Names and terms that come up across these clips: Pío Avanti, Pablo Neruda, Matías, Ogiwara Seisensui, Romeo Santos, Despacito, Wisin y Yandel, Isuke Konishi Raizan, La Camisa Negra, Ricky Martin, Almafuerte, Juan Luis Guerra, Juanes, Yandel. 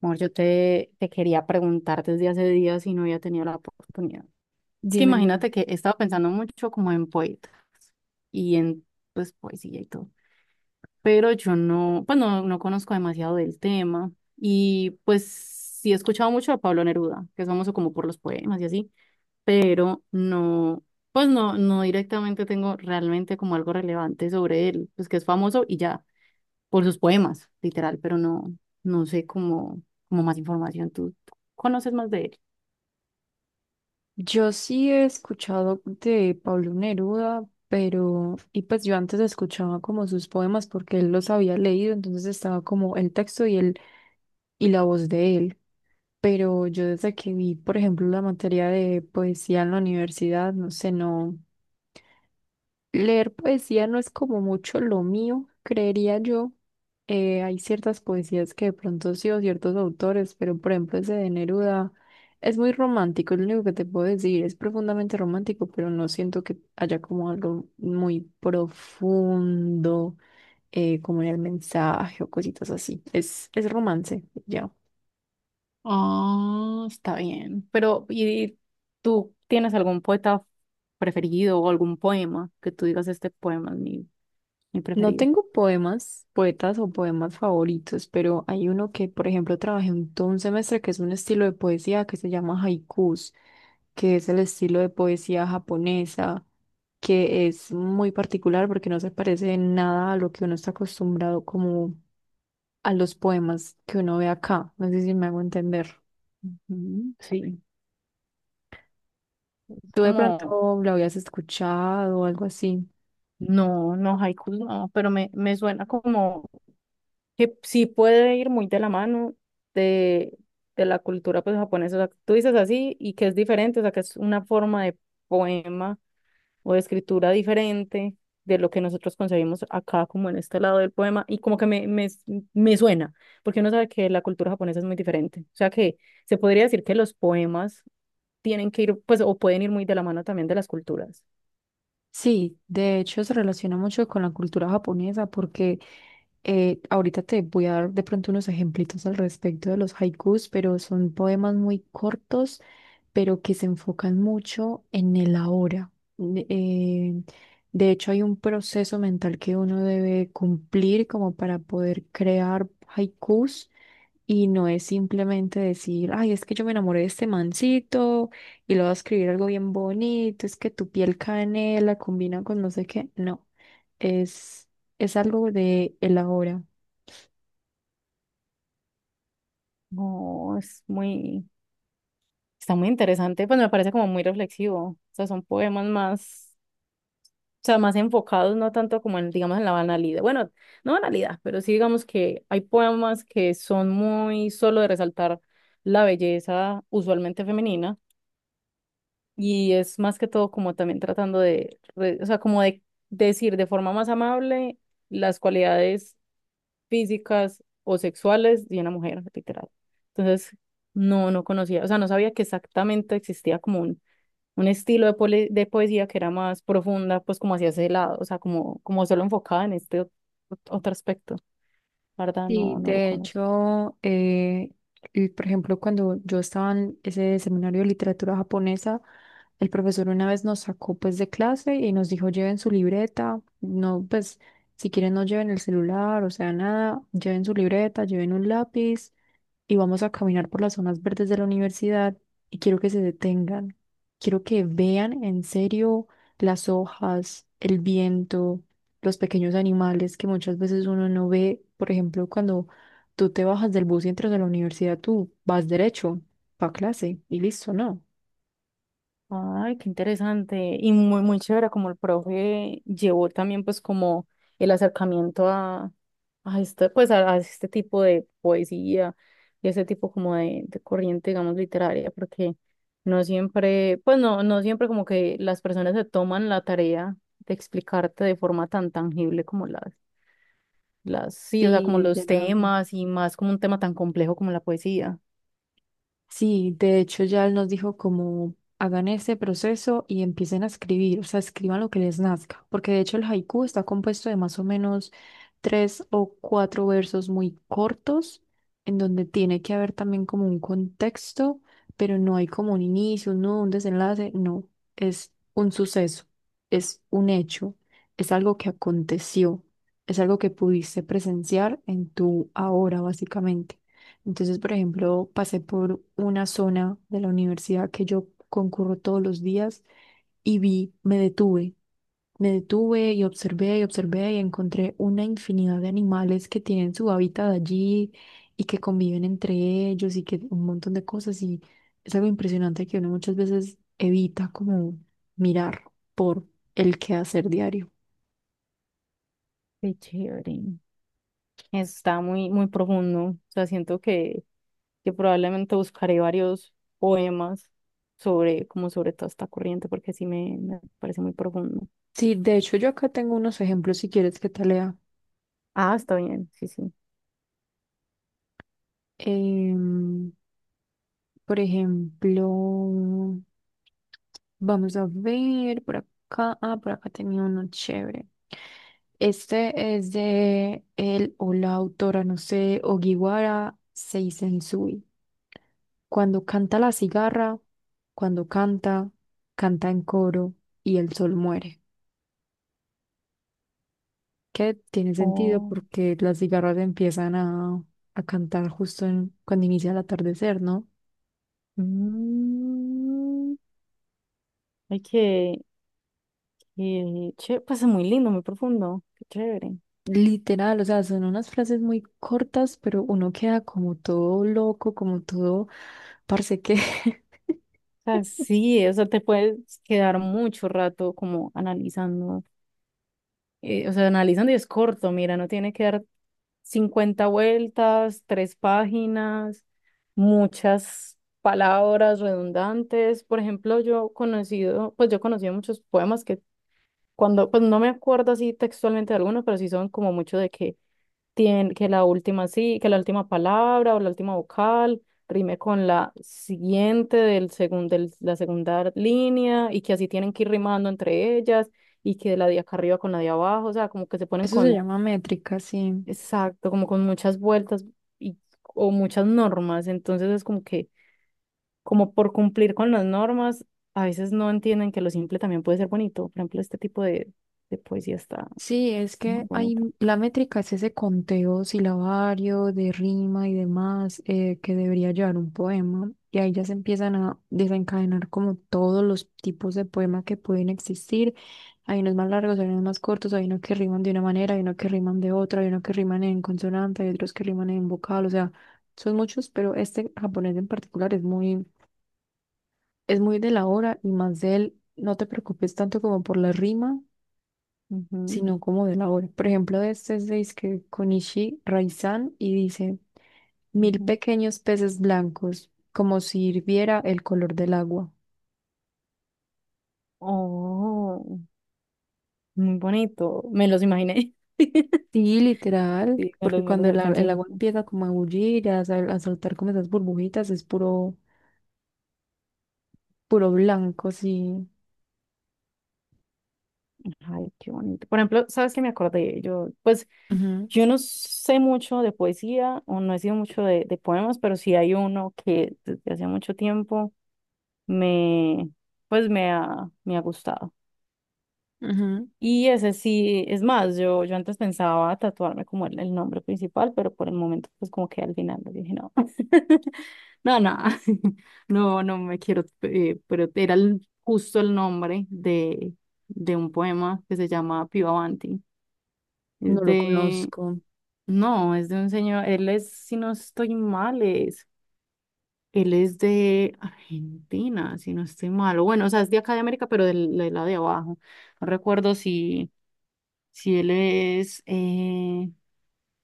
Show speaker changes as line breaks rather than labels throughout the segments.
Amor, yo te quería preguntar desde hace días y no había tenido la oportunidad. Es que
Dime, Luis.
imagínate que he estado pensando mucho como en poetas y en pues poesía y todo, pero yo no, pues no, no conozco demasiado del tema y pues sí he escuchado mucho a Pablo Neruda, que es famoso como por los poemas y así, pero no, pues no, no directamente tengo realmente como algo relevante sobre él, pues que es famoso y ya por sus poemas, literal, pero no, no sé cómo, cómo más información. ¿Tú conoces más de él?
Yo sí he escuchado de Pablo Neruda, pero, y pues yo antes escuchaba como sus poemas porque él los había leído, entonces estaba como el texto y y la voz de él. Pero yo desde que vi, por ejemplo, la materia de poesía en la universidad, no sé, no. Leer poesía no es como mucho lo mío, creería yo. Hay ciertas poesías que de pronto sí o ciertos autores, pero por ejemplo ese de Neruda es muy romántico, es lo único que te puedo decir, es profundamente romántico, pero no siento que haya como algo muy profundo, como en el mensaje o cositas así. Es romance, ya.
Ah, está bien. Pero, ¿y tú tienes algún poeta preferido o algún poema que tú digas este poema es mi
No
preferido?
tengo poemas, poetas o poemas favoritos, pero hay uno que, por ejemplo, trabajé todo un semestre que es un estilo de poesía que se llama haikus, que es el estilo de poesía japonesa, que es muy particular porque no se parece en nada a lo que uno está acostumbrado como a los poemas que uno ve acá. No sé si me hago entender.
Ujú. Sí,
¿Tú de
como,
pronto lo habías escuchado o algo así?
no, no, haikus no, pero me suena como que sí puede ir muy de la mano de, de la cultura pues, japonesa. O sea, tú dices así y que es diferente, o sea, que es una forma de poema o de escritura diferente de lo que nosotros concebimos acá, como en este lado del poema, y como que me suena, porque uno sabe que la cultura japonesa es muy diferente. O sea que se podría decir que los poemas tienen que ir, pues, o pueden ir muy de la mano también de las culturas.
Sí, de hecho se relaciona mucho con la cultura japonesa porque ahorita te voy a dar de pronto unos ejemplitos al respecto de los haikus, pero son poemas muy cortos, pero que se enfocan mucho en el ahora. Ne- eh, de hecho hay un proceso mental que uno debe cumplir como para poder crear haikus y no es simplemente decir, ay, es que yo me enamoré de este mancito y lo voy a escribir algo bien bonito, es que tu piel canela combina con no sé qué. No, es, es algo de el ahora.
No, es muy, está muy interesante, pues me parece como muy reflexivo. O sea, son poemas más. O sea, más enfocados, no tanto como en, digamos, en la banalidad. Bueno, no banalidad, pero sí digamos que hay poemas que son muy solo de resaltar la belleza usualmente femenina y es más que todo como también tratando de o sea, como de decir de forma más amable las cualidades físicas o sexuales de una mujer, literal. Entonces, no, no conocía, o sea, no sabía que exactamente existía como un estilo de poesía que era más profunda, pues como hacia ese lado, o sea, como, como solo enfocada en este otro aspecto. La verdad,
Y
no, no lo
de
conocí.
hecho, y por ejemplo, cuando yo estaba en ese seminario de literatura japonesa, el profesor una vez nos sacó pues de clase y nos dijo, lleven su libreta, no, pues si quieren no lleven el celular, o sea, nada, lleven su libreta, lleven un lápiz y vamos a caminar por las zonas verdes de la universidad y quiero que se detengan. Quiero que vean en serio las hojas, el viento, los pequeños animales que muchas veces uno no ve. Por ejemplo, cuando tú te bajas del bus y entras a la universidad, tú vas derecho para clase y listo, ¿no?
Ay, qué interesante. Y muy, muy chévere, como el profe llevó también pues como el acercamiento a este, pues a este tipo de poesía y ese tipo como de corriente, digamos, literaria, porque no siempre, pues no, no siempre como que las personas se toman la tarea de explicarte de forma tan tangible como las, sí, o sea,
Sí,
como los
literal.
temas y más como un tema tan complejo como la poesía.
Sí, de hecho ya él nos dijo como hagan ese proceso y empiecen a escribir, o sea, escriban lo que les nazca, porque de hecho el haiku está compuesto de más o menos tres o cuatro versos muy cortos, en donde tiene que haber también como un contexto, pero no hay como un inicio, no un desenlace, no, es un suceso, es un hecho, es algo que aconteció, es algo que pudiste presenciar en tu ahora, básicamente. Entonces, por ejemplo, pasé por una zona de la universidad que yo concurro todos los días y vi, me detuve y observé y encontré una infinidad de animales que tienen su hábitat allí y que conviven entre ellos y que un montón de cosas y es algo impresionante que uno muchas veces evita como mirar por el quehacer diario.
Qué chévere. Está muy, muy profundo. O sea, siento que probablemente buscaré varios poemas sobre, como sobre toda esta corriente, porque sí me parece muy profundo.
Sí, de hecho yo acá tengo unos ejemplos si quieres que te lea.
Ah, está bien, sí, sí.
Em, Por ejemplo, vamos a ver por acá. Ah, por acá tenía uno chévere. Este es de él o la autora, no sé, Ogiwara Seisensui. Cuando canta la cigarra, cuando canta, canta en coro y el sol muere. Que tiene sentido
Oh,
porque las cigarras empiezan a cantar justo cuando inicia el atardecer, ¿no?
mm, ay, pues es muy lindo, muy profundo. Qué chévere.
Literal, o sea, son unas frases muy cortas, pero uno queda como todo loco, como todo, parece que
O sea, sí, o sea, te puedes quedar mucho rato como analizando o sea, analizando y es corto, mira, no tiene que dar 50 vueltas, tres páginas, muchas palabras redundantes. Por ejemplo, yo he conocido muchos poemas que cuando, pues no me acuerdo así textualmente de algunos, pero sí son como mucho de que que la última palabra o la última vocal rime con la siguiente del la segunda línea y que así tienen que ir rimando entre ellas y que la de acá arriba con la de abajo, o sea, como que se ponen
eso se
con,
llama métrica, sí.
exacto, como con muchas vueltas y, o muchas normas, entonces es como que, como por cumplir con las normas, a veces no entienden que lo simple también puede ser bonito, por ejemplo, este tipo de poesía está
Sí, es
muy
que
bonito.
hay, la métrica es ese conteo silabario de rima y demás que debería llevar un poema. Y ahí ya se empiezan a desencadenar como todos los tipos de poema que pueden existir. Hay unos más largos, hay unos más cortos, hay unos que riman de una manera, hay unos que riman de otra, hay unos que riman en consonante, hay otros que riman en vocal. O sea, son muchos, pero este japonés en particular es es muy de la hora y más de él. No te preocupes tanto como por la rima
Ujú,
sino como de la obra. Por ejemplo, este es de Isuke Konishi Raizan y dice, mil
ujú.
pequeños peces blancos, como si hirviera el color del agua.
Oh. Muy bonito, me los imaginé.
Sí, literal,
Sí,
porque
me los
cuando
alcancé a
el agua
imaginar.
empieza como a bullir, a saltar como esas burbujitas, es puro, puro blanco, sí.
Ay, qué bonito. Por ejemplo, ¿sabes qué me acordé? Yo, pues,
Ujú,
yo no sé mucho de poesía o no he sido mucho de poemas, pero sí hay uno que desde hace mucho tiempo me, pues, me ha gustado.
ujú.
Y ese sí, es más, yo antes pensaba tatuarme como el nombre principal, pero por el momento pues como que al final dije no, no, no, no, no me quiero, pero era justo el nombre de un poema que se llama Pío Avanti. Es
No lo
de,
conozco.
no, es de un señor, él es, si no estoy mal, es, él es de Argentina, si no estoy mal, o bueno, o sea, es de acá de América, pero del lado de abajo. No recuerdo si. Si él es,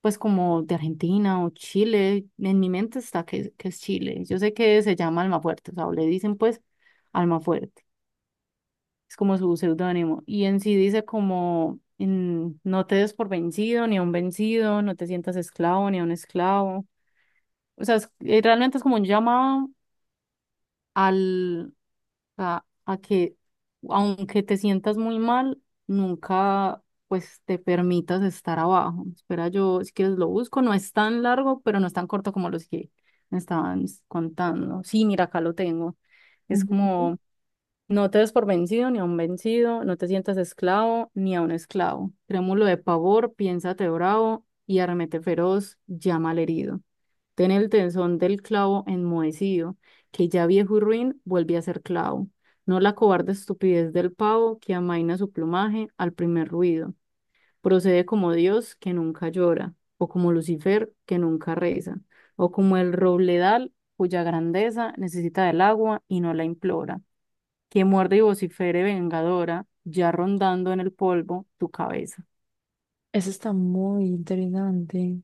pues como de Argentina o Chile, en mi mente está que es Chile. Yo sé que se llama Almafuerte, o sea, o le dicen pues Almafuerte, es como su seudónimo. Y en sí dice como, en, no te des por vencido, ni a un vencido, no te sientas esclavo, ni a un esclavo. O sea, realmente es como un llamado al, a que aunque te sientas muy mal, nunca pues te permitas estar abajo. Espera, yo si quieres lo busco, no es tan largo, pero no es tan corto como los que me estaban contando. Sí, mira, acá lo tengo. Es
Ujú.
como, no te des por vencido ni a un vencido, no te sientas esclavo ni a un esclavo. Trémulo de pavor, piénsate bravo y arremete feroz, llama al herido. Ten el tenzón del clavo enmohecido, que ya viejo y ruin vuelve a ser clavo. No la cobarde estupidez del pavo que amaina su plumaje al primer ruido. Procede como Dios que nunca llora, o como Lucifer que nunca reza, o como el robledal cuya grandeza necesita del agua y no la implora, que muerde y vocifere vengadora, ya rondando en el polvo tu cabeza.
Eso está muy interesante.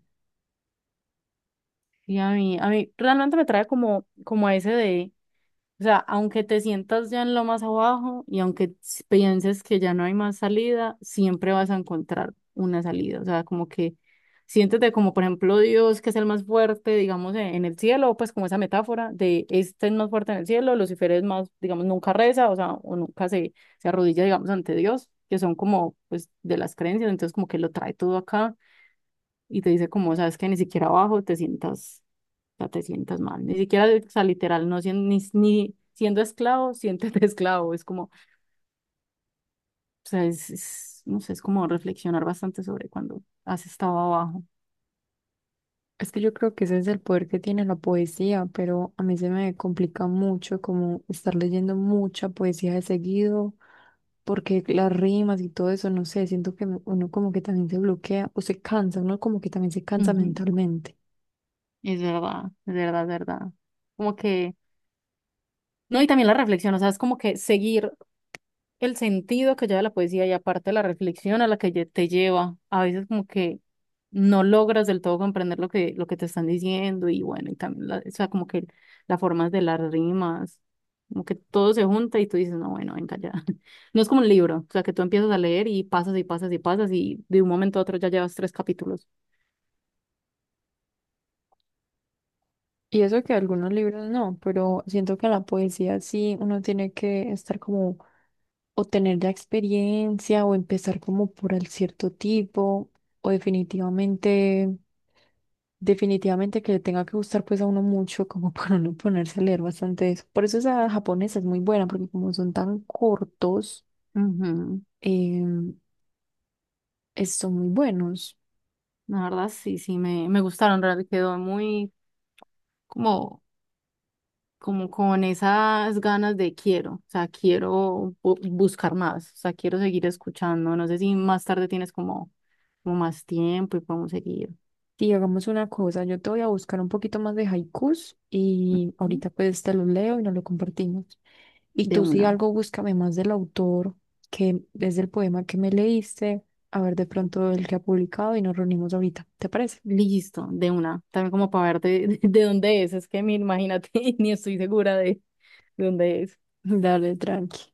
Y a mí realmente me trae como, como a ese de. O sea, aunque te sientas ya en lo más abajo y aunque pienses que ya no hay más salida, siempre vas a encontrar una salida. O sea, como que siéntete como, por ejemplo, Dios, que es el más fuerte, digamos, en el cielo, pues como esa metáfora de este es más fuerte en el cielo, Lucifer es más, digamos, nunca reza, o sea, o nunca se arrodilla, digamos, ante Dios, que son como, pues, de las creencias, entonces como que lo trae todo acá y te dice como, sabes que ni siquiera abajo te sientas, o sea, te sientas mal, ni siquiera, o sea, literal, ni siendo esclavo, siéntete esclavo, es como, o sea, no sé, es como reflexionar bastante sobre cuando has estado abajo.
Es que yo creo que ese es el poder que tiene la poesía, pero a mí se me complica mucho como estar leyendo mucha poesía de seguido, porque las rimas y todo eso, no sé, siento que uno como que también se bloquea o se cansa, uno como que también se cansa
Ujú.
mentalmente.
Es verdad, es verdad, es verdad. Como que, no, y también la reflexión, o sea, es como que seguir el sentido que lleva la poesía y aparte la reflexión a la que te lleva. A veces como que no logras del todo comprender lo lo que te están diciendo y bueno, y también, la, o sea, como que las formas de las rimas, como que todo se junta y tú dices, no, bueno, venga ya. No es como un libro, o sea, que tú empiezas a leer y pasas y pasas y pasas y de un momento a otro ya llevas tres capítulos.
Y eso que algunos libros no, pero siento que la poesía sí uno tiene que estar como o tener ya experiencia o empezar como por el cierto tipo o definitivamente que le tenga que gustar pues a uno mucho como para uno ponerse a leer bastante de eso. Por eso esa japonesa es muy buena porque como son tan cortos,
Ujú.
em, son muy buenos.
La verdad, sí, sí, me gustaron, en realidad quedó muy como como con esas ganas de quiero, o sea, quiero buscar más, o sea, quiero seguir escuchando. No sé si más tarde tienes como, como más tiempo y podemos seguir.
Sí, hagamos una cosa, yo te voy a buscar un poquito más de haikus y
Ujú.
ahorita pues te los leo y nos lo compartimos. Y
De
tú si
una.
algo búscame más del autor, que es del poema que me leíste, a ver de pronto el que ha publicado y nos reunimos ahorita, ¿te parece?
Listo, de una. También como para ver de, de dónde es. Es que me imagínate, ni estoy segura de dónde es.
Dale, tranqui.